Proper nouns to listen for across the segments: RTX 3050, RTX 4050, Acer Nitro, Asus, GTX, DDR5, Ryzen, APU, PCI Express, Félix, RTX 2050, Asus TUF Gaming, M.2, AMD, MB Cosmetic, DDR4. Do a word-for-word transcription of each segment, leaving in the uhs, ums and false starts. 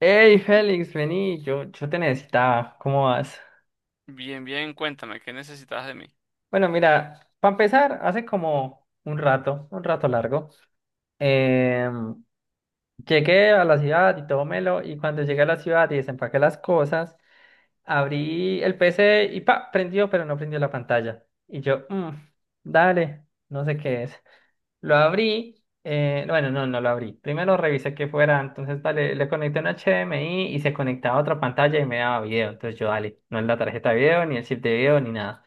Hey Félix, vení, yo, yo te necesitaba, ¿cómo vas? Bien, bien, cuéntame, ¿qué necesitas de mí? Bueno, mira, para empezar, hace como un rato, un rato largo, em, llegué a la ciudad y todo melo, y cuando llegué a la ciudad y desempaqué las cosas, abrí el P C y pa, prendió, pero no prendió la pantalla. Y yo, "Mm, dale, no sé qué es." Lo abrí, eh, bueno, no, no lo abrí. Primero revisé que fuera, entonces dale, le conecté un H D M I y se conectaba a otra pantalla y me daba video. Entonces yo, dale, no es la tarjeta de video, ni el chip de video, ni nada.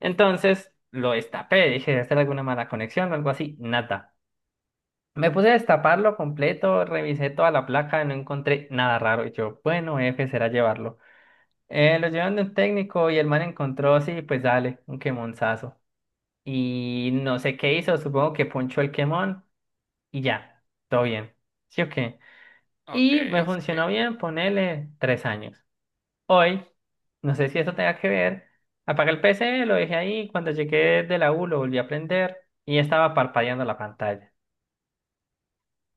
Entonces lo destapé, dije, debe ser alguna mala conexión o algo así, nada. Me puse a destaparlo completo, revisé toda la placa, no encontré nada raro. Y yo, bueno, F será llevarlo. Eh, lo llevan de un técnico y el man encontró, sí, pues dale, un quemonzazo. Y no sé qué hizo, supongo que ponchó el quemón y ya, todo bien. ¿Sí o qué? Ok, Y me sí. funcionó bien, ponele tres años. Hoy, no sé si eso tenga que ver, apagué el P C, lo dejé ahí, cuando llegué de la U lo volví a prender y estaba parpadeando la pantalla.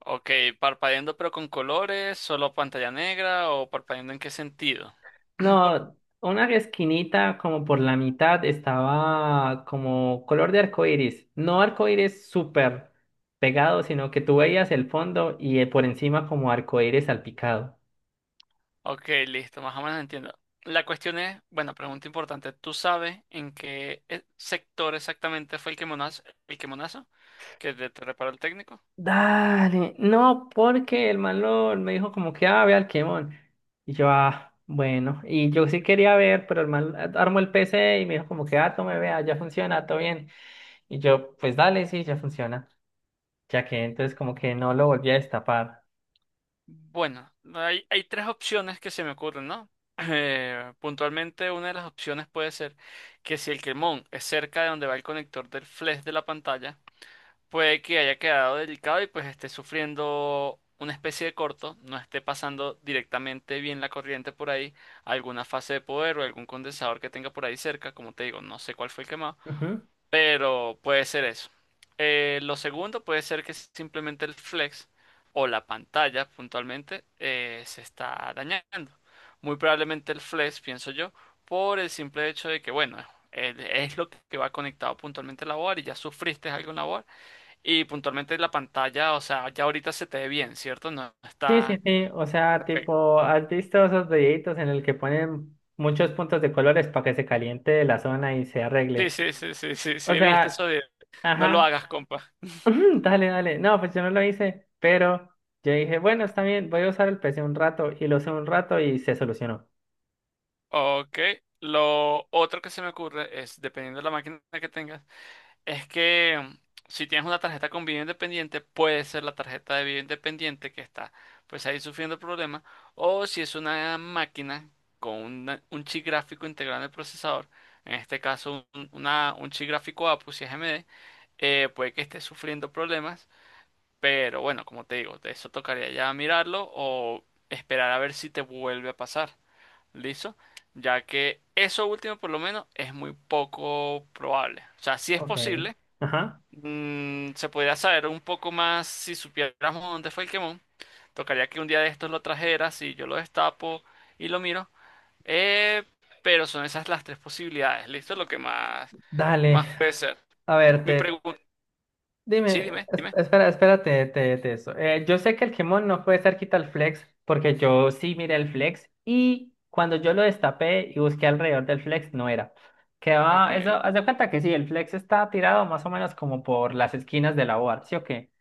Ok, ¿parpadeando pero con colores, solo pantalla negra o parpadeando en qué sentido? Por- No, una esquinita como por la mitad estaba como color de arco iris, no arco iris súper pegado, sino que tú veías el fondo y eh, por encima como arco iris salpicado. Ok, listo, más o menos entiendo. La cuestión es, bueno, pregunta importante, ¿tú sabes en qué eh, sector exactamente fue el quemonazo, el quemonazo que te, te reparó el técnico? Dale, no, porque el malo me dijo como que, ah, ve al Kemon. Y yo, ah, bueno, y yo sí quería ver, pero el man armó el P C y me dijo como que, ah, tome, vea, ya funciona, todo bien. Y yo, pues dale, sí, ya funciona. Ya que entonces como que no lo volví a destapar. Bueno, hay, hay tres opciones que se me ocurren, ¿no? Eh, puntualmente una de las opciones puede ser que si el quemón es cerca de donde va el conector del flash de la pantalla, puede que haya quedado delicado y pues esté sufriendo una especie de corto, no esté pasando directamente bien la corriente por ahí, alguna fase de poder o algún condensador que tenga por ahí cerca, como te digo, no sé cuál fue el quemado, Ujú. pero puede ser eso. Eh, lo segundo puede ser que simplemente el flex o la pantalla puntualmente eh, se está dañando. Muy probablemente el flex, pienso yo, por el simple hecho de que, bueno, el- es lo que va conectado puntualmente a la board y ya sufriste algo en la board y puntualmente la pantalla, o sea, ya ahorita se te ve bien, ¿cierto? No Sí, sí, está... sí, o sea, tipo, ¿has visto esos videitos en el que ponen muchos puntos de colores para que se caliente la zona y se Sí, arregle? sí, sí, sí, sí, O sí, viste sea, eso de... No lo ajá. hagas, compa. Dale, dale. No, pues yo no lo hice, pero yo dije, bueno, está bien, voy a usar el P C un rato y lo usé un rato y se solucionó. Ok. Lo otro que se me ocurre es, dependiendo de la máquina que tengas, es que si tienes una tarjeta con vida independiente, puede ser la tarjeta de vida independiente que está pues ahí sufriendo problemas, o si es una máquina con una- un chip gráfico integrado en el procesador, en este caso un, una- un chip gráfico A P U si es A M D, eh, puede que esté sufriendo problemas, pero bueno, como te digo, de eso tocaría ya mirarlo o esperar a ver si te vuelve a pasar, ¿listo? Ya que eso último por lo menos es muy poco probable. O sea, sí es Ok. posible. Ajá. Mm, se podría saber un poco más si supiéramos dónde fue el quemón. Tocaría que un día de estos lo trajeras y yo lo destapo y lo miro. Eh, pero son esas las tres posibilidades. Listo, lo que más, Dale. más puede ser. A ver, Mi te, pregunta. Sí, dime, dime, es- dime. espera, espérate, te, te, eso. Eh, yo sé que el Gemón no puede estar quita el flex, porque yo sí miré el flex y cuando yo lo destapé y busqué alrededor del flex, no era. Quedaba, eso, Ok, haz de cuenta que sí, el flex está tirado más o menos como por las esquinas de la board, ¿sí o qué?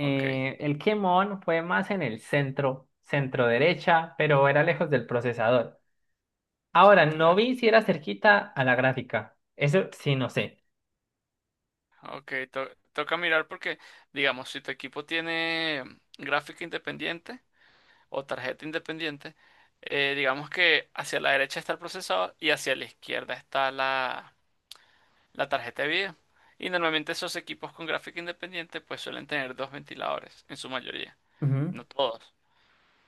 ok. el Kemon fue más en el centro, centro derecha, pero era lejos del procesador. Ahora, no Centra- vi si era cerquita a la gráfica. Eso sí, no sé. Ok, to- toca mirar porque, digamos, si tu equipo tiene gráfica independiente o tarjeta independiente, eh, digamos que hacia la derecha está el procesador y hacia la izquierda está la la tarjeta de video. Y normalmente esos equipos con gráfica independiente pues suelen tener dos ventiladores, en su mayoría, Ujú. no todos.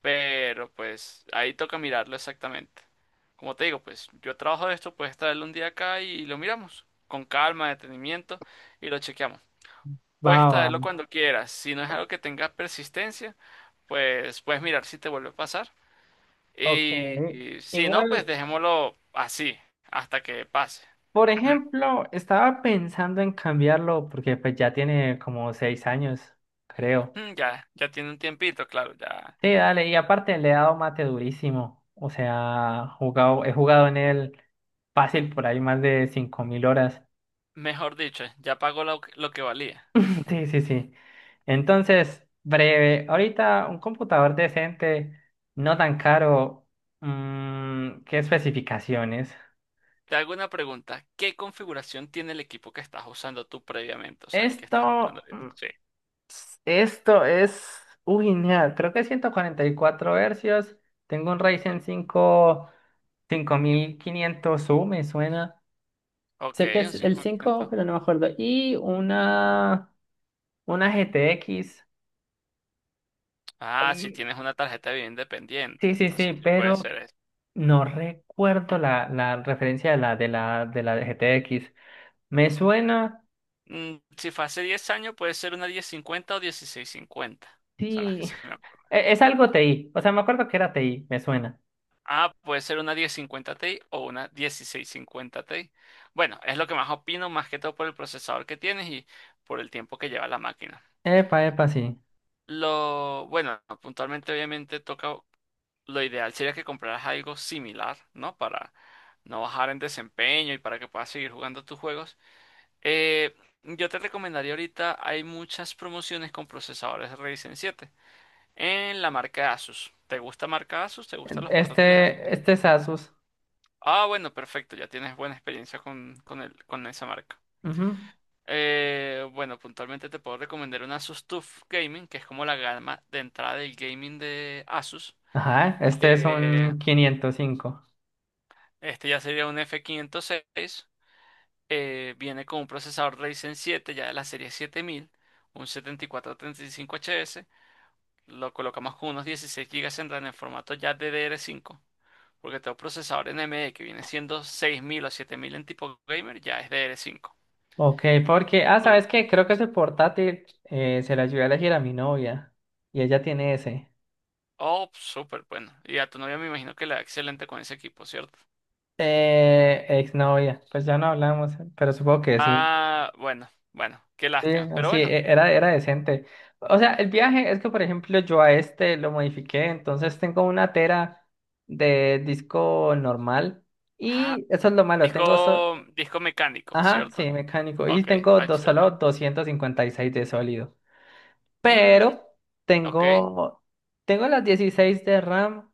Pero pues ahí toca mirarlo exactamente. Como te digo, pues yo trabajo de esto, puedes traerlo un día acá y lo miramos con calma, detenimiento y lo chequeamos. Va, Puedes va. traerlo cuando quieras, si no es algo que tenga persistencia, pues puedes mirar si te vuelve a pasar. Ok. Y, y si no, pues Igual, dejémoslo así, hasta que pase. por ejemplo, estaba pensando en cambiarlo porque pues ya tiene como seis años, creo. Ya, ya tiene un tiempito, claro, ya. Sí, dale, y aparte le he dado mate durísimo. O sea, jugado, he jugado en él fácil por ahí más de cinco mil horas. Mejor dicho, ya pagó lo, que lo que valía. Sí, sí, sí. Entonces, breve, ahorita un computador decente, no tan caro, mm, ¿qué especificaciones? Te hago una pregunta. ¿Qué configuración tiene el equipo que estás usando tú previamente? O sea, el que estás Esto, usando ahorita. Sí. esto es, uy, nea, creo que ciento cuarenta y cuatro hercios, tengo un Ryzen cinco cinco mil quinientos u me suena, Ok, sé que un es el cinco cinco mil quinientos. pero no me acuerdo, y una, una G T X, Ah, si mm, tienes una tarjeta de vida independiente. sí, sí, sí, Entonces, sí puede pero ser eso. no recuerdo la, la referencia de la, de la, de la de G T X. Me suena, Mm, si fue hace diez años, puede ser una diez cincuenta o dieciséis cincuenta. Son las que sí. sí me acuerdo. e- Es, algo T I. O sea, me acuerdo que era T I, me suena. Ah, puede ser una diez cincuenta Ti o una dieciséis cincuenta Ti. Bueno, es lo que más opino, más que todo por el procesador que tienes y por el tiempo que lleva la máquina. Epa, epa, sí. Lo, bueno, puntualmente obviamente toca, lo ideal sería que compraras algo similar, ¿no? Para no bajar en desempeño y para que puedas seguir jugando tus juegos. Eh, yo te recomendaría ahorita, hay muchas promociones con procesadores Ryzen siete en la marca Asus. ¿Te gusta marca Asus? ¿Te gustan los portátiles Asus? Este, este es Asus. Ah, bueno, perfecto, ya tienes buena experiencia con, con el, con esa marca. Ujú. Eh, bueno, puntualmente te puedo recomendar una Asus T U F Gaming, que es como la gama de entrada del gaming de Asus. Ajá, este es Eh, un quinientos cinco. este ya sería un F quinientos seis. Eh, viene con un procesador Ryzen siete ya de la serie siete mil, un siete mil cuatrocientos treinta y cinco H S. Lo colocamos con unos dieciséis gigas en RAM en formato ya ddr cinco. Porque todo procesador N M D que viene siendo seis mil o siete mil en tipo gamer ya es ddr cinco. Ok, porque, ah, Uh, ¿sabes qué? Creo que ese portátil eh, se la ayudé a elegir a mi novia. Y ella tiene ese. Oh, súper bueno. Y a tu novia me imagino que le va excelente con ese equipo, ¿cierto? Eh, exnovia. Pues ya no hablamos, pero supongo que sí. Ah, bueno, bueno, qué Sí, lástima. no, Pero sí, bueno, e- era, era decente. O sea, el viaje es que, por ejemplo, yo a este lo modifiqué, entonces tengo una tera de disco normal ah, y eso es lo malo, tengo, so- disco, disco mecánico, ajá, ¿cierto? sí, mecánico, y Ok, tengo dos, H D. solo doscientos cincuenta y seis de sólido, Mm, pero ok. tengo, tengo las dieciséis de RAM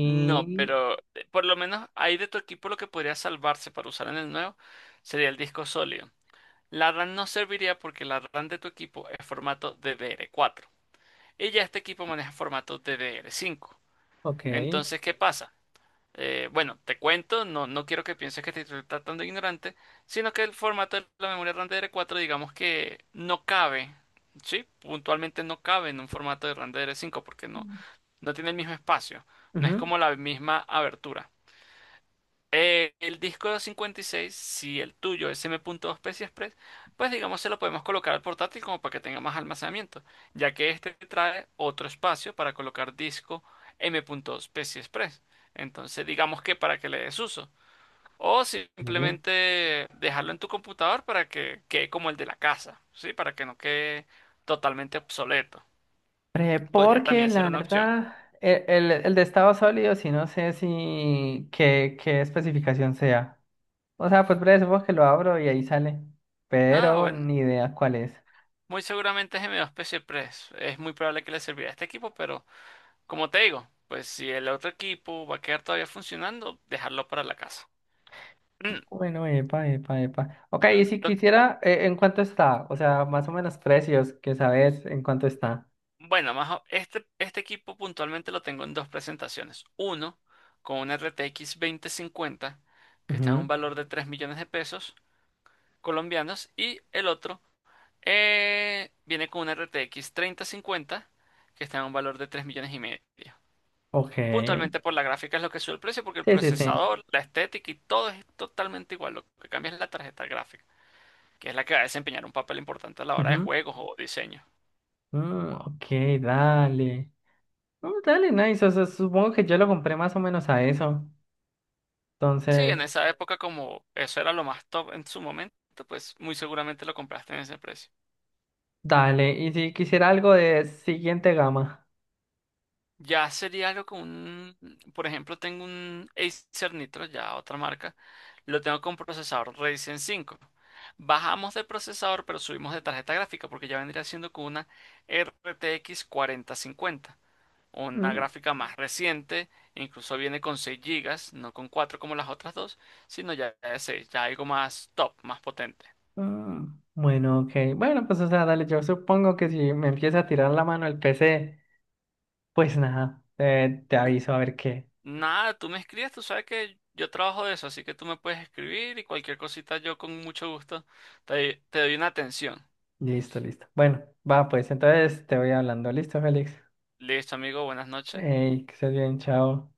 No, pero eh, por lo menos ahí de tu equipo lo que podría salvarse para usar en el nuevo sería el disco sólido. La RAM no serviría porque la RAM de tu equipo es formato ddr cuatro. Y ya este equipo maneja formato ddr cinco. ok, Entonces, ¿qué pasa? Eh, bueno, te cuento, no, no quiero que pienses que te estoy tratando de ignorante, sino que el formato de la memoria RAM ddr cuatro digamos que no cabe, ¿sí? Puntualmente no cabe en un formato de RAM ddr cinco porque no no tiene el mismo espacio. No es ujú. como la misma abertura. Eh, el disco cincuenta y seis, si el tuyo es M.dos P C I Express, pues digamos se lo podemos colocar al portátil como para que tenga más almacenamiento, ya que este trae otro espacio para colocar disco m punto M.dos P C I Express. Entonces digamos que para que le des uso. O simplemente dejarlo en tu computador para que quede como el de la casa, ¿sí? Para que no quede totalmente obsoleto. Eh, Podría porque también ser la una opción. verdad, e- el, el de estado sólido, sí no sé si qué, qué especificación sea. O sea, pues breve, supongo que lo abro y ahí sale. Ah, Pero bueno. ni idea cuál es. Muy seguramente es M dos Press. Es muy probable que le servirá a este equipo, pero como te digo, pues si el otro equipo va a quedar todavía funcionando, dejarlo para la casa. Mm, Bueno, epa, epa, epa. Ok, y si lo- quisiera, eh, ¿en cuánto está? O sea, más o menos precios, que sabes en cuánto está. bueno, más o- este, este equipo puntualmente lo tengo en dos presentaciones. Uno, con una R T X veinte cincuenta, que está en Ujú. un valor de tres millones de pesos colombianos, y el otro eh, viene con una R T X treinta cincuenta, que está en un valor de tres millones y medio. Ok. Puntualmente por la gráfica es lo que sube el precio, porque el Sí, sí, sí. procesador, la estética y todo es totalmente igual. Lo que cambia es la tarjeta gráfica, que es la que va a desempeñar un papel importante a la hora de Ujú. juegos o diseño. Mm, ok, dale. Mm, dale, nice. O sea, supongo que yo lo compré más o menos a eso. Sí, en Entonces. esa época como eso era lo más top en su momento, pues muy seguramente lo compraste en ese precio. Dale, y si quisiera algo de siguiente gama. Ya sería algo con un, por ejemplo, tengo un Acer Nitro, ya otra marca, lo tengo con procesador Ryzen cinco. Bajamos de procesador, pero subimos de tarjeta gráfica, porque ya vendría siendo con una R T X cuarenta cincuenta. Una Mm, gráfica más reciente, incluso viene con seis gigas, no con cuatro como las otras dos, sino ya de seis, ya algo más top, más potente. mm. Bueno, ok. Bueno, pues o sea, dale, yo supongo que si me empieza a tirar la mano el P C, pues nada, eh, te aviso a ver qué. Nada, tú me escribes, tú sabes que yo trabajo de eso, así que tú me puedes escribir y cualquier cosita yo con mucho gusto te, te doy una atención. Listo, listo. Bueno, va, pues entonces te voy hablando. Listo, Félix. Listo, amigo, buenas noches. Ey, que estés bien, chao.